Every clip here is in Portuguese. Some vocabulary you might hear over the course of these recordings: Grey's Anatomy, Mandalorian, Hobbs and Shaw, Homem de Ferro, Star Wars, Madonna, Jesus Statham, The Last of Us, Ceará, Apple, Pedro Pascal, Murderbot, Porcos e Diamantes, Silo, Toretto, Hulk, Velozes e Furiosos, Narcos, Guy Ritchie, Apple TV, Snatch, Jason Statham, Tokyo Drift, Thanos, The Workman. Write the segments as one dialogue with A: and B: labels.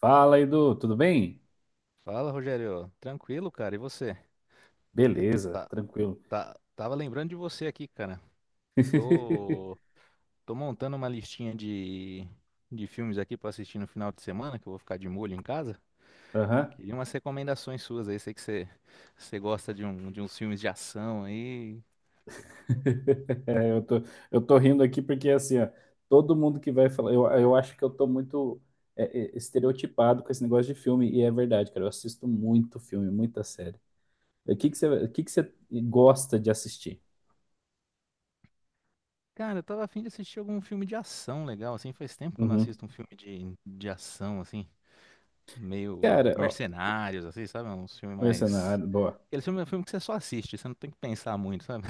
A: Fala, Edu, tudo bem?
B: Fala, Rogério. Tranquilo, cara. E você?
A: Beleza, tranquilo.
B: Tá, tava lembrando de você aqui, cara. Tô, tô montando uma listinha de filmes aqui pra assistir no final de semana, que eu vou ficar de molho em casa.
A: Aham.
B: Queria umas recomendações suas aí. Sei que você gosta de uns filmes de ação aí.
A: Eu tô, eu tô rindo aqui porque, assim, ó, todo mundo que vai falar, eu acho que eu tô muito é, estereotipado com esse negócio de filme, e é verdade, cara, eu assisto muito filme, muita série. O que que você gosta de assistir?
B: Cara, eu tava afim de assistir algum filme de ação legal, assim. Faz tempo que eu não
A: Uhum.
B: assisto um filme de ação, assim. Meio
A: Cara, ó,
B: mercenários, assim, sabe? Um filme mais.
A: Mercenário, boa.
B: Aquele filme é um filme que você só assiste, você não tem que pensar muito, sabe?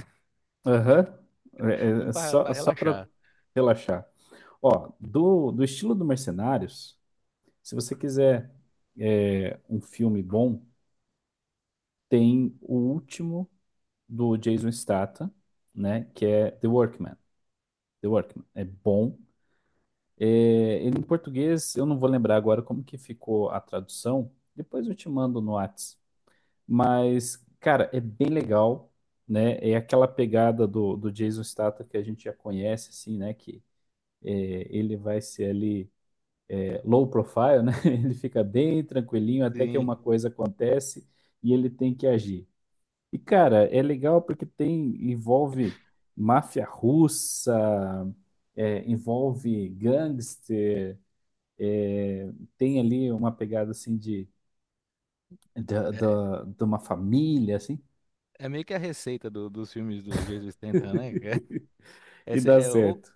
A: Aham. É,
B: Filme
A: é,
B: pra,
A: só,
B: pra
A: só pra
B: relaxar.
A: relaxar. Ó, do estilo do Mercenários. Se você quiser um filme bom, tem o último do Jason Statham, né? Que é The Workman. The Workman é bom. É, ele em português, eu não vou lembrar agora como que ficou a tradução. Depois eu te mando no Whats. Mas, cara, é bem legal, né? É aquela pegada do Jason Statham que a gente já conhece, assim, né? Que é, ele vai ser ali low profile, né? Ele fica bem tranquilinho até que
B: Sim.
A: uma coisa acontece e ele tem que agir. E cara, é legal porque tem envolve máfia russa, envolve gangster, é, tem ali uma pegada assim de,
B: É,
A: de uma família assim
B: é meio que a receita dos filmes do Jesus Statham, né?
A: e
B: Esse
A: dá
B: é, o-
A: certo.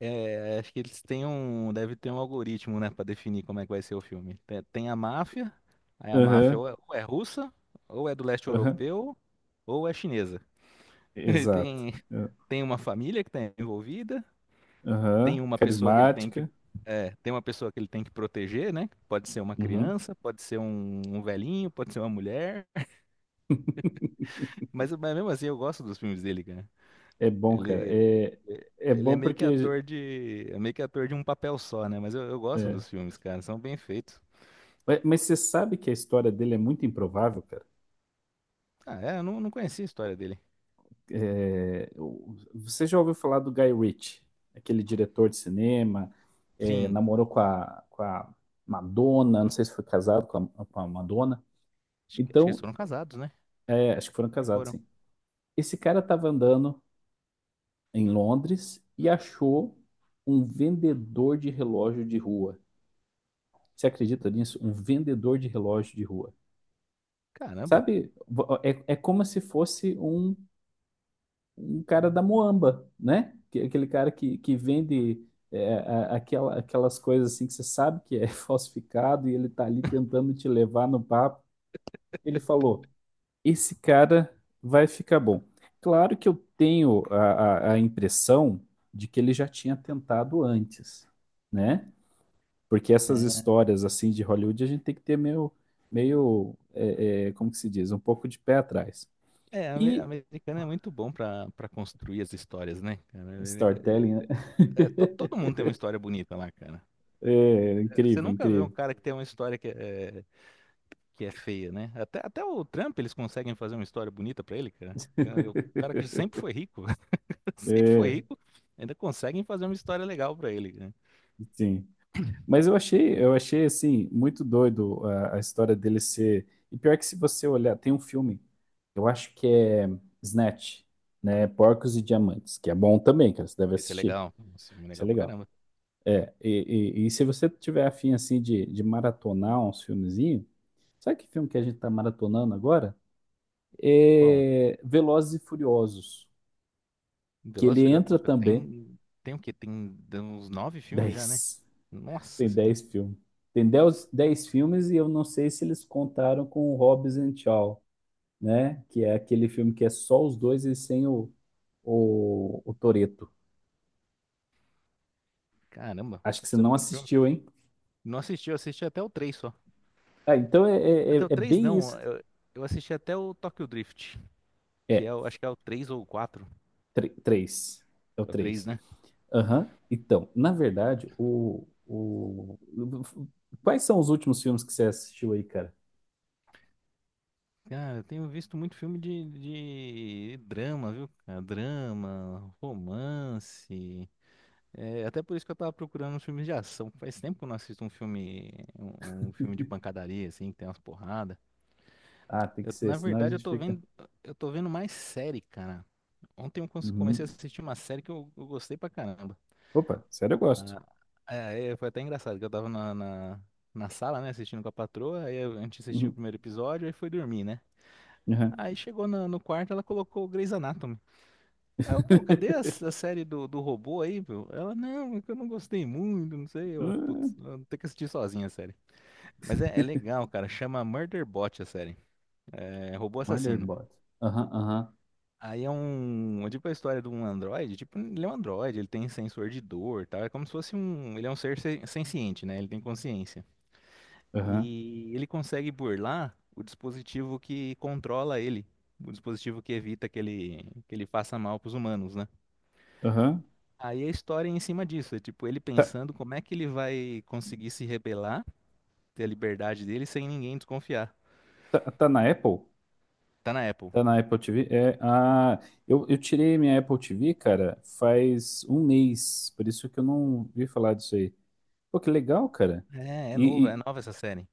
B: é, Acho que eles têm um, deve ter um algoritmo, né, pra definir como é que vai ser o filme. Tem a máfia, aí a máfia
A: Aham,
B: ou é russa, ou é do leste
A: aham,
B: europeu, ou é chinesa. E
A: exato.
B: tem uma família que está envolvida,
A: Aham,
B: tem uma pessoa que ele tem que
A: carismática.
B: tem uma pessoa que ele tem que proteger, né? Pode ser uma
A: Uhum.
B: criança, pode ser um velhinho, pode ser uma mulher. Mas mesmo assim, eu gosto dos filmes dele.
A: É bom, cara.
B: Ele,
A: É, é
B: ele é
A: bom
B: meio que
A: porque
B: ator de um papel só, né? Mas eu gosto
A: é,
B: dos filmes, cara, são bem feitos.
A: Ué, mas você sabe que a história dele é muito improvável, cara?
B: Ah, é, eu não conhecia a história dele.
A: Você já ouviu falar do Guy Ritchie, aquele diretor de cinema,
B: Sim,
A: namorou com a Madonna, não sei se foi casado com a Madonna.
B: acho que eles
A: Então,
B: foram casados, né?
A: acho que foram
B: E
A: casados,
B: foram.
A: sim. Esse cara estava andando em Londres e achou um vendedor de relógio de rua. Você acredita nisso? Um vendedor de relógio de rua.
B: Caramba.
A: Sabe, como se fosse um cara da Moamba, né? Aquele cara que vende aquelas coisas assim que você sabe que é falsificado e ele tá ali tentando te levar no papo. Ele falou: esse cara vai ficar bom. Claro que eu tenho a impressão de que ele já tinha tentado antes, né? Porque essas
B: É,
A: histórias assim de Hollywood a gente tem que ter meio como que se diz, um pouco de pé atrás.
B: é,
A: E
B: americano é muito bom pra construir as histórias, né, cara?
A: storytelling, né?
B: É, é, é, todo mundo tem uma história bonita lá, cara.
A: É,
B: Você
A: incrível,
B: nunca vê um
A: incrível.
B: cara que tem uma história que é feia, né? Até o Trump eles conseguem fazer uma história bonita pra ele, cara. É, o cara que sempre foi rico, sempre foi
A: É,
B: rico. Ainda conseguem fazer uma história legal pra ele, né?
A: sim. Mas eu achei assim muito doido a história dele ser. E pior que se você olhar, tem um filme, eu acho que é Snatch, né? Porcos e Diamantes, que é bom também, cara. Você deve
B: Esse é
A: assistir.
B: legal. Esse filme é
A: Isso é
B: legal pra
A: legal.
B: caramba.
A: É, e se você tiver afim assim de maratonar uns filmezinhos, sabe que filme que a gente tá maratonando agora?
B: Qual?
A: É Velozes e Furiosos, que
B: Velozes e
A: ele
B: Furiosos. Pô,
A: entra também
B: tem o quê? Tem uns nove filmes já, né?
A: 10.
B: Nossa
A: Tem
B: senhora.
A: 10 filmes. Tem 10 10 filmes e eu não sei se eles contaram com o Hobbs and Shaw, né? Que é aquele filme que é só os dois e sem o Toretto.
B: Caramba.
A: Acho que você
B: Putz, é
A: não
B: muito filme.
A: assistiu, hein?
B: Não assisti, eu assisti até o 3 só.
A: Ah, então
B: Até o
A: é
B: 3
A: bem isso.
B: não. Eu assisti até o Tokyo Drift,
A: É,
B: acho que é o três ou o 4.
A: três. É o
B: É o três,
A: 3.
B: né?
A: Aham. Então, na verdade, o... Quais são os últimos filmes que você assistiu aí, cara?
B: Cara, eu tenho visto muito filme de drama, viu? Cara? Drama, romance. É, até por isso que eu tava procurando uns filmes de ação. Faz tempo que eu não assisto um filme de pancadaria, assim, que tem umas porradas.
A: Ah, tem que
B: Eu,
A: ser,
B: na
A: senão a
B: verdade, eu
A: gente
B: tô
A: fica...
B: vendo, eu tô vendo mais série, cara. Ontem eu comecei a
A: Uhum.
B: assistir uma série que eu gostei pra caramba.
A: Opa, sério, eu gosto.
B: Ah, é, foi até engraçado, que eu tava na sala, né, assistindo com a patroa, aí a gente assistiu o
A: Uhum.
B: primeiro episódio, aí foi dormir, né?
A: Uhum.
B: Aí chegou no quarto, ela colocou o Grey's Anatomy. Aí eu, pô, cadê a, s- a série do robô aí, meu? Ela, não, é que eu não gostei muito, não sei. Eu, putz,
A: Hum,
B: eu vou ter que assistir sozinha a série. Mas é legal, cara. Chama Murderbot a série. É, robô assassino.
A: Murderbot. Aham, aham,
B: Aí é um. É tipo a história de um androide. Tipo, ele é um androide, ele tem sensor de dor e tal. É como se fosse um. Ele é um ser senciente, né? Ele tem consciência.
A: aham,
B: E ele consegue burlar o dispositivo que controla ele. O dispositivo que evita que ele faça mal pros humanos, né?
A: aham.
B: Aí a história é em cima disso, é tipo ele
A: Tá,
B: pensando como é que ele vai conseguir se rebelar, ter a liberdade dele sem ninguém desconfiar.
A: tá, tá na Apple?
B: Tá na Apple.
A: Tá na Apple TV? Eu tirei minha Apple TV, cara, faz um mês, por isso que eu não vi falar disso aí. Pô, que legal, cara.
B: É, é nova, é
A: E
B: nova essa série.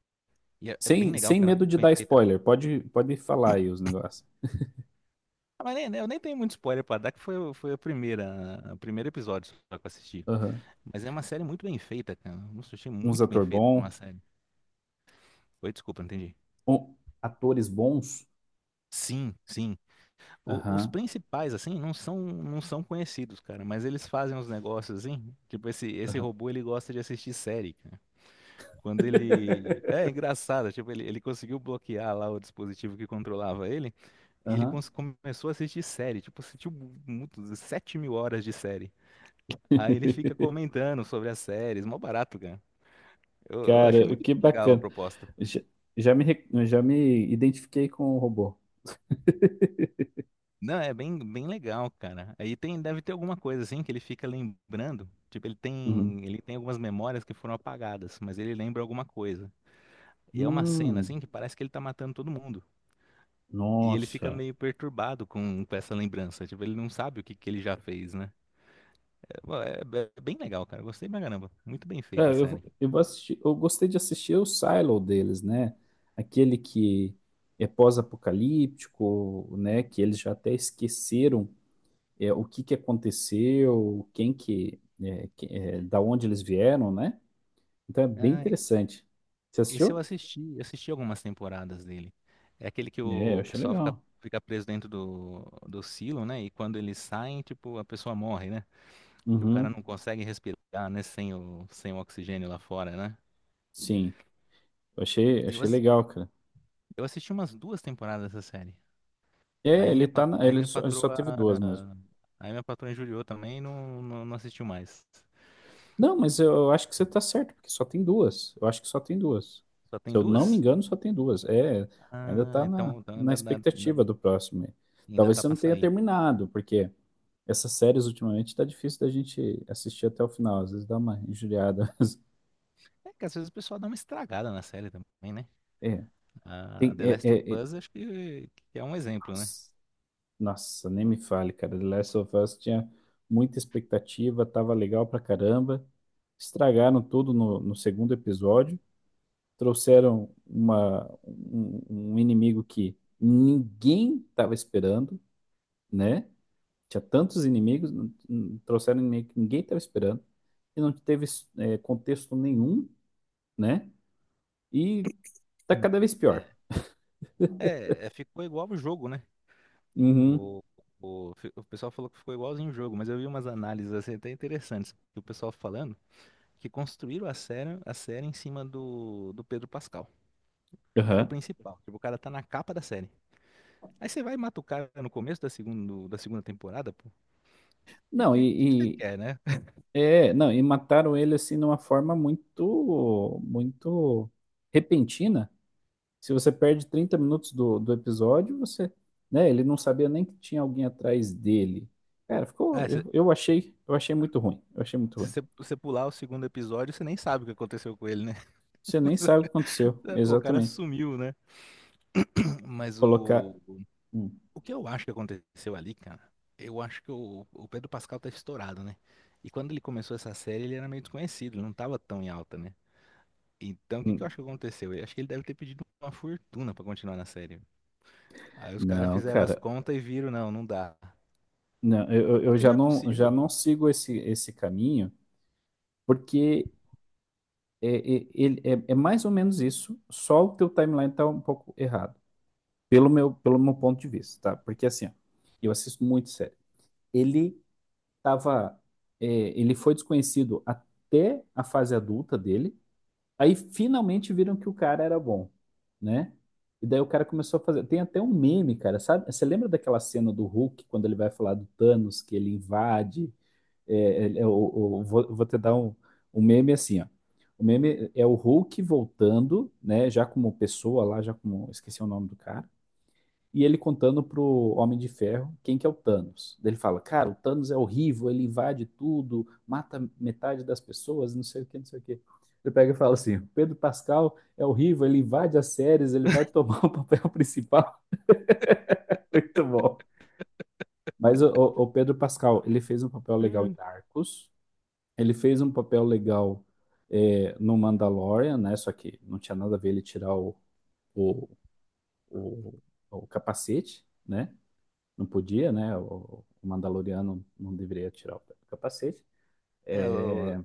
B: E é bem
A: sem,
B: legal,
A: sem
B: cara,
A: medo
B: muito
A: de
B: bem
A: dar
B: feita.
A: spoiler, pode falar aí os negócios.
B: Ah, mas nem, né, eu nem tenho muito spoiler pra dar, que foi a primeira, o primeiro episódio só que eu assisti.
A: Aham.
B: Mas é uma série muito bem feita, cara. Nossa, eu achei
A: Uns
B: muito bem
A: ator
B: feita pra uma
A: bom,
B: série. Oi, desculpa, não entendi.
A: um- atores bons.
B: Sim, sim. Os
A: Aham,
B: principais, assim, não são conhecidos, cara, mas eles fazem uns negócios, assim. Tipo, esse
A: aham,
B: robô, ele gosta de assistir série. Quando ele. É engraçado, tipo, ele conseguiu bloquear lá o dispositivo que controlava ele, e ele
A: aham.
B: começou a assistir série, tipo, assistiu muito, 7 mil horas de série. Aí ele fica comentando sobre as séries, mó barato, cara. Eu achei
A: Cara,
B: muito
A: que
B: legal a
A: bacana.
B: proposta.
A: Já, já me identifiquei com o robô.
B: Não, é bem legal, cara. Aí tem, deve ter alguma coisa assim que ele fica lembrando. Tipo, ele
A: Uhum.
B: tem, ele tem algumas memórias que foram apagadas, mas ele lembra alguma coisa. E é uma cena
A: Hum,
B: assim que parece que ele tá matando todo mundo. E ele fica
A: nossa.
B: meio perturbado com essa lembrança. Tipo, ele não sabe o que, que ele já fez, né? É, bom, é bem legal, cara. Eu gostei pra caramba. Muito bem
A: É,
B: feita a
A: eu,
B: série.
A: vou- eu vou assistir, eu gostei de assistir o Silo deles, né? Aquele que é pós-apocalíptico, né? Que eles já até esqueceram o que que aconteceu, quem que, da onde eles vieram, né? Então é bem
B: Ah,
A: interessante. Você
B: esse eu
A: assistiu?
B: assisti. Eu assisti algumas temporadas dele. É aquele que
A: É, eu
B: o
A: achei
B: pessoal fica,
A: legal.
B: fica preso dentro do silo, né? E quando eles saem, tipo, a pessoa morre, né? Que o cara
A: Uhum,
B: não consegue respirar, né? Sem o oxigênio lá fora, né?
A: sim, eu achei,
B: Eu,
A: achei
B: as-
A: legal, cara.
B: eu assisti umas duas temporadas dessa série.
A: É,
B: Aí
A: ele
B: minha,
A: tá
B: pa-
A: na,
B: aí minha
A: ele só
B: patroa,
A: teve duas mesmo.
B: aí minha patroa injuriou também e não assistiu mais.
A: Não, mas eu acho que você tá certo, porque só tem duas. Eu acho que só tem duas.
B: Só
A: Se
B: tem
A: eu não me
B: duas?
A: engano, só tem duas. É, ainda
B: Ah,
A: tá na,
B: então
A: na expectativa do próximo aí.
B: ainda
A: Talvez
B: tá
A: você não
B: pra
A: tenha
B: sair.
A: terminado, porque essas séries ultimamente tá difícil da gente assistir até o final. Às vezes dá uma injuriada.
B: É que às vezes o pessoal dá uma estragada na série também, né?
A: É,
B: A
A: tem,
B: The
A: é,
B: Last of
A: é, é-
B: Us, acho que é um exemplo, né?
A: Nossa, nossa, nem me fale, cara. The Last of Us tinha muita expectativa, tava legal pra caramba. Estragaram tudo no segundo episódio. Trouxeram um inimigo que ninguém estava esperando, né? Tinha tantos inimigos, trouxeram um inimigo que ninguém estava esperando, e não teve contexto nenhum, né? E tá
B: Sim.
A: cada vez pior.
B: É, é, é, ficou igual o jogo, né?
A: Uhum,
B: O, o pessoal falou que ficou igualzinho o jogo, mas eu vi umas análises assim, até interessantes, que o pessoal falando que construíram a série, em cima do Pedro Pascal. O cara é o
A: aham.
B: principal. Tipo, o cara tá na capa da série. Aí você vai e mata o cara no começo da segunda temporada, pô. Que,
A: Não,
B: que, que que você quer, né?
A: não, e mataram ele assim de uma forma muito, muito repentina. Se você perde 30 minutos do episódio, você, né, ele não sabia nem que tinha alguém atrás dele. Cara, ficou,
B: Ah, se,
A: eu achei muito ruim, eu achei muito
B: se
A: ruim.
B: você pular o segundo episódio, você nem sabe o que aconteceu com ele, né?
A: Você nem sabe o que aconteceu,
B: Pô, o cara
A: exatamente.
B: sumiu, né? Mas
A: Colocar,
B: o,
A: Hum,
B: o que eu acho que aconteceu ali, cara, eu acho que o Pedro Pascal tá estourado, né? E quando ele começou essa série, ele era meio desconhecido, ele não tava tão em alta, né? Então, o que que eu
A: hum.
B: acho que aconteceu? Eu acho que ele deve ter pedido uma fortuna pra continuar na série. Aí os caras
A: Não,
B: fizeram as
A: cara,
B: contas e viram, não, não dá.
A: não, eu
B: Porque
A: já
B: não é
A: não, já
B: possível.
A: não sigo esse caminho, porque mais ou menos isso, só o teu timeline tá um pouco errado, pelo meu ponto de vista, tá? Porque assim, ó, eu assisto muito série. Ele tava, Ele foi desconhecido até a fase adulta dele. Aí finalmente viram que o cara era bom, né? E daí o cara começou a fazer. Tem até um meme, cara. Sabe? Você lembra daquela cena do Hulk quando ele vai falar do Thanos, que ele invade? É, ele- é o- vou te dar um meme assim, ó. O meme é o Hulk voltando, né? Já como pessoa lá, já como. Esqueci o nome do cara e ele contando pro Homem de Ferro quem que é o Thanos. Daí ele fala, cara, o Thanos é horrível, ele invade tudo, mata metade das pessoas, não sei o que, não sei o que. Ele pega e fala assim, o Pedro Pascal é horrível, ele invade as séries, ele vai tomar o papel principal. Muito bom. Mas o Pedro Pascal, ele fez um papel legal em Narcos, ele fez um papel legal no Mandalorian, né? Só que não tinha nada a ver ele tirar o, o, o capacete, né? Não podia, né? O Mandaloriano não deveria tirar o capacete.
B: É, o,
A: É,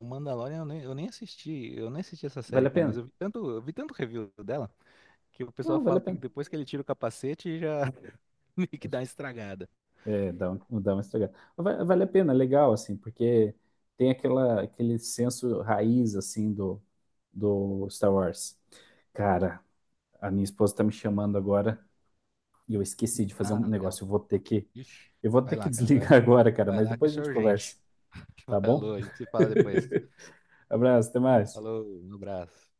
B: o Mandalorian eu nem assisti essa
A: vale
B: série,
A: a
B: cara, mas
A: pena?
B: eu vi tanto review dela que o pessoal
A: Não, vale a
B: fala que
A: pena.
B: depois que ele tira o capacete já meio que dá uma estragada.
A: Dá uma estragada. Mas vale a pena, é legal, assim, porque tem aquele senso raiz, assim, do Star Wars. Cara, a minha esposa tá me chamando agora e eu esqueci de fazer um
B: Ah, legal.
A: negócio. Eu vou ter que,
B: Ixi.
A: eu vou ter
B: Vai
A: que
B: lá, cara, vai,
A: desligar agora, cara,
B: vai
A: mas
B: lá que
A: depois a
B: isso é
A: gente
B: urgente.
A: conversa, tá bom?
B: Falou, a gente se fala depois.
A: Abraço, até mais.
B: Falou, um abraço.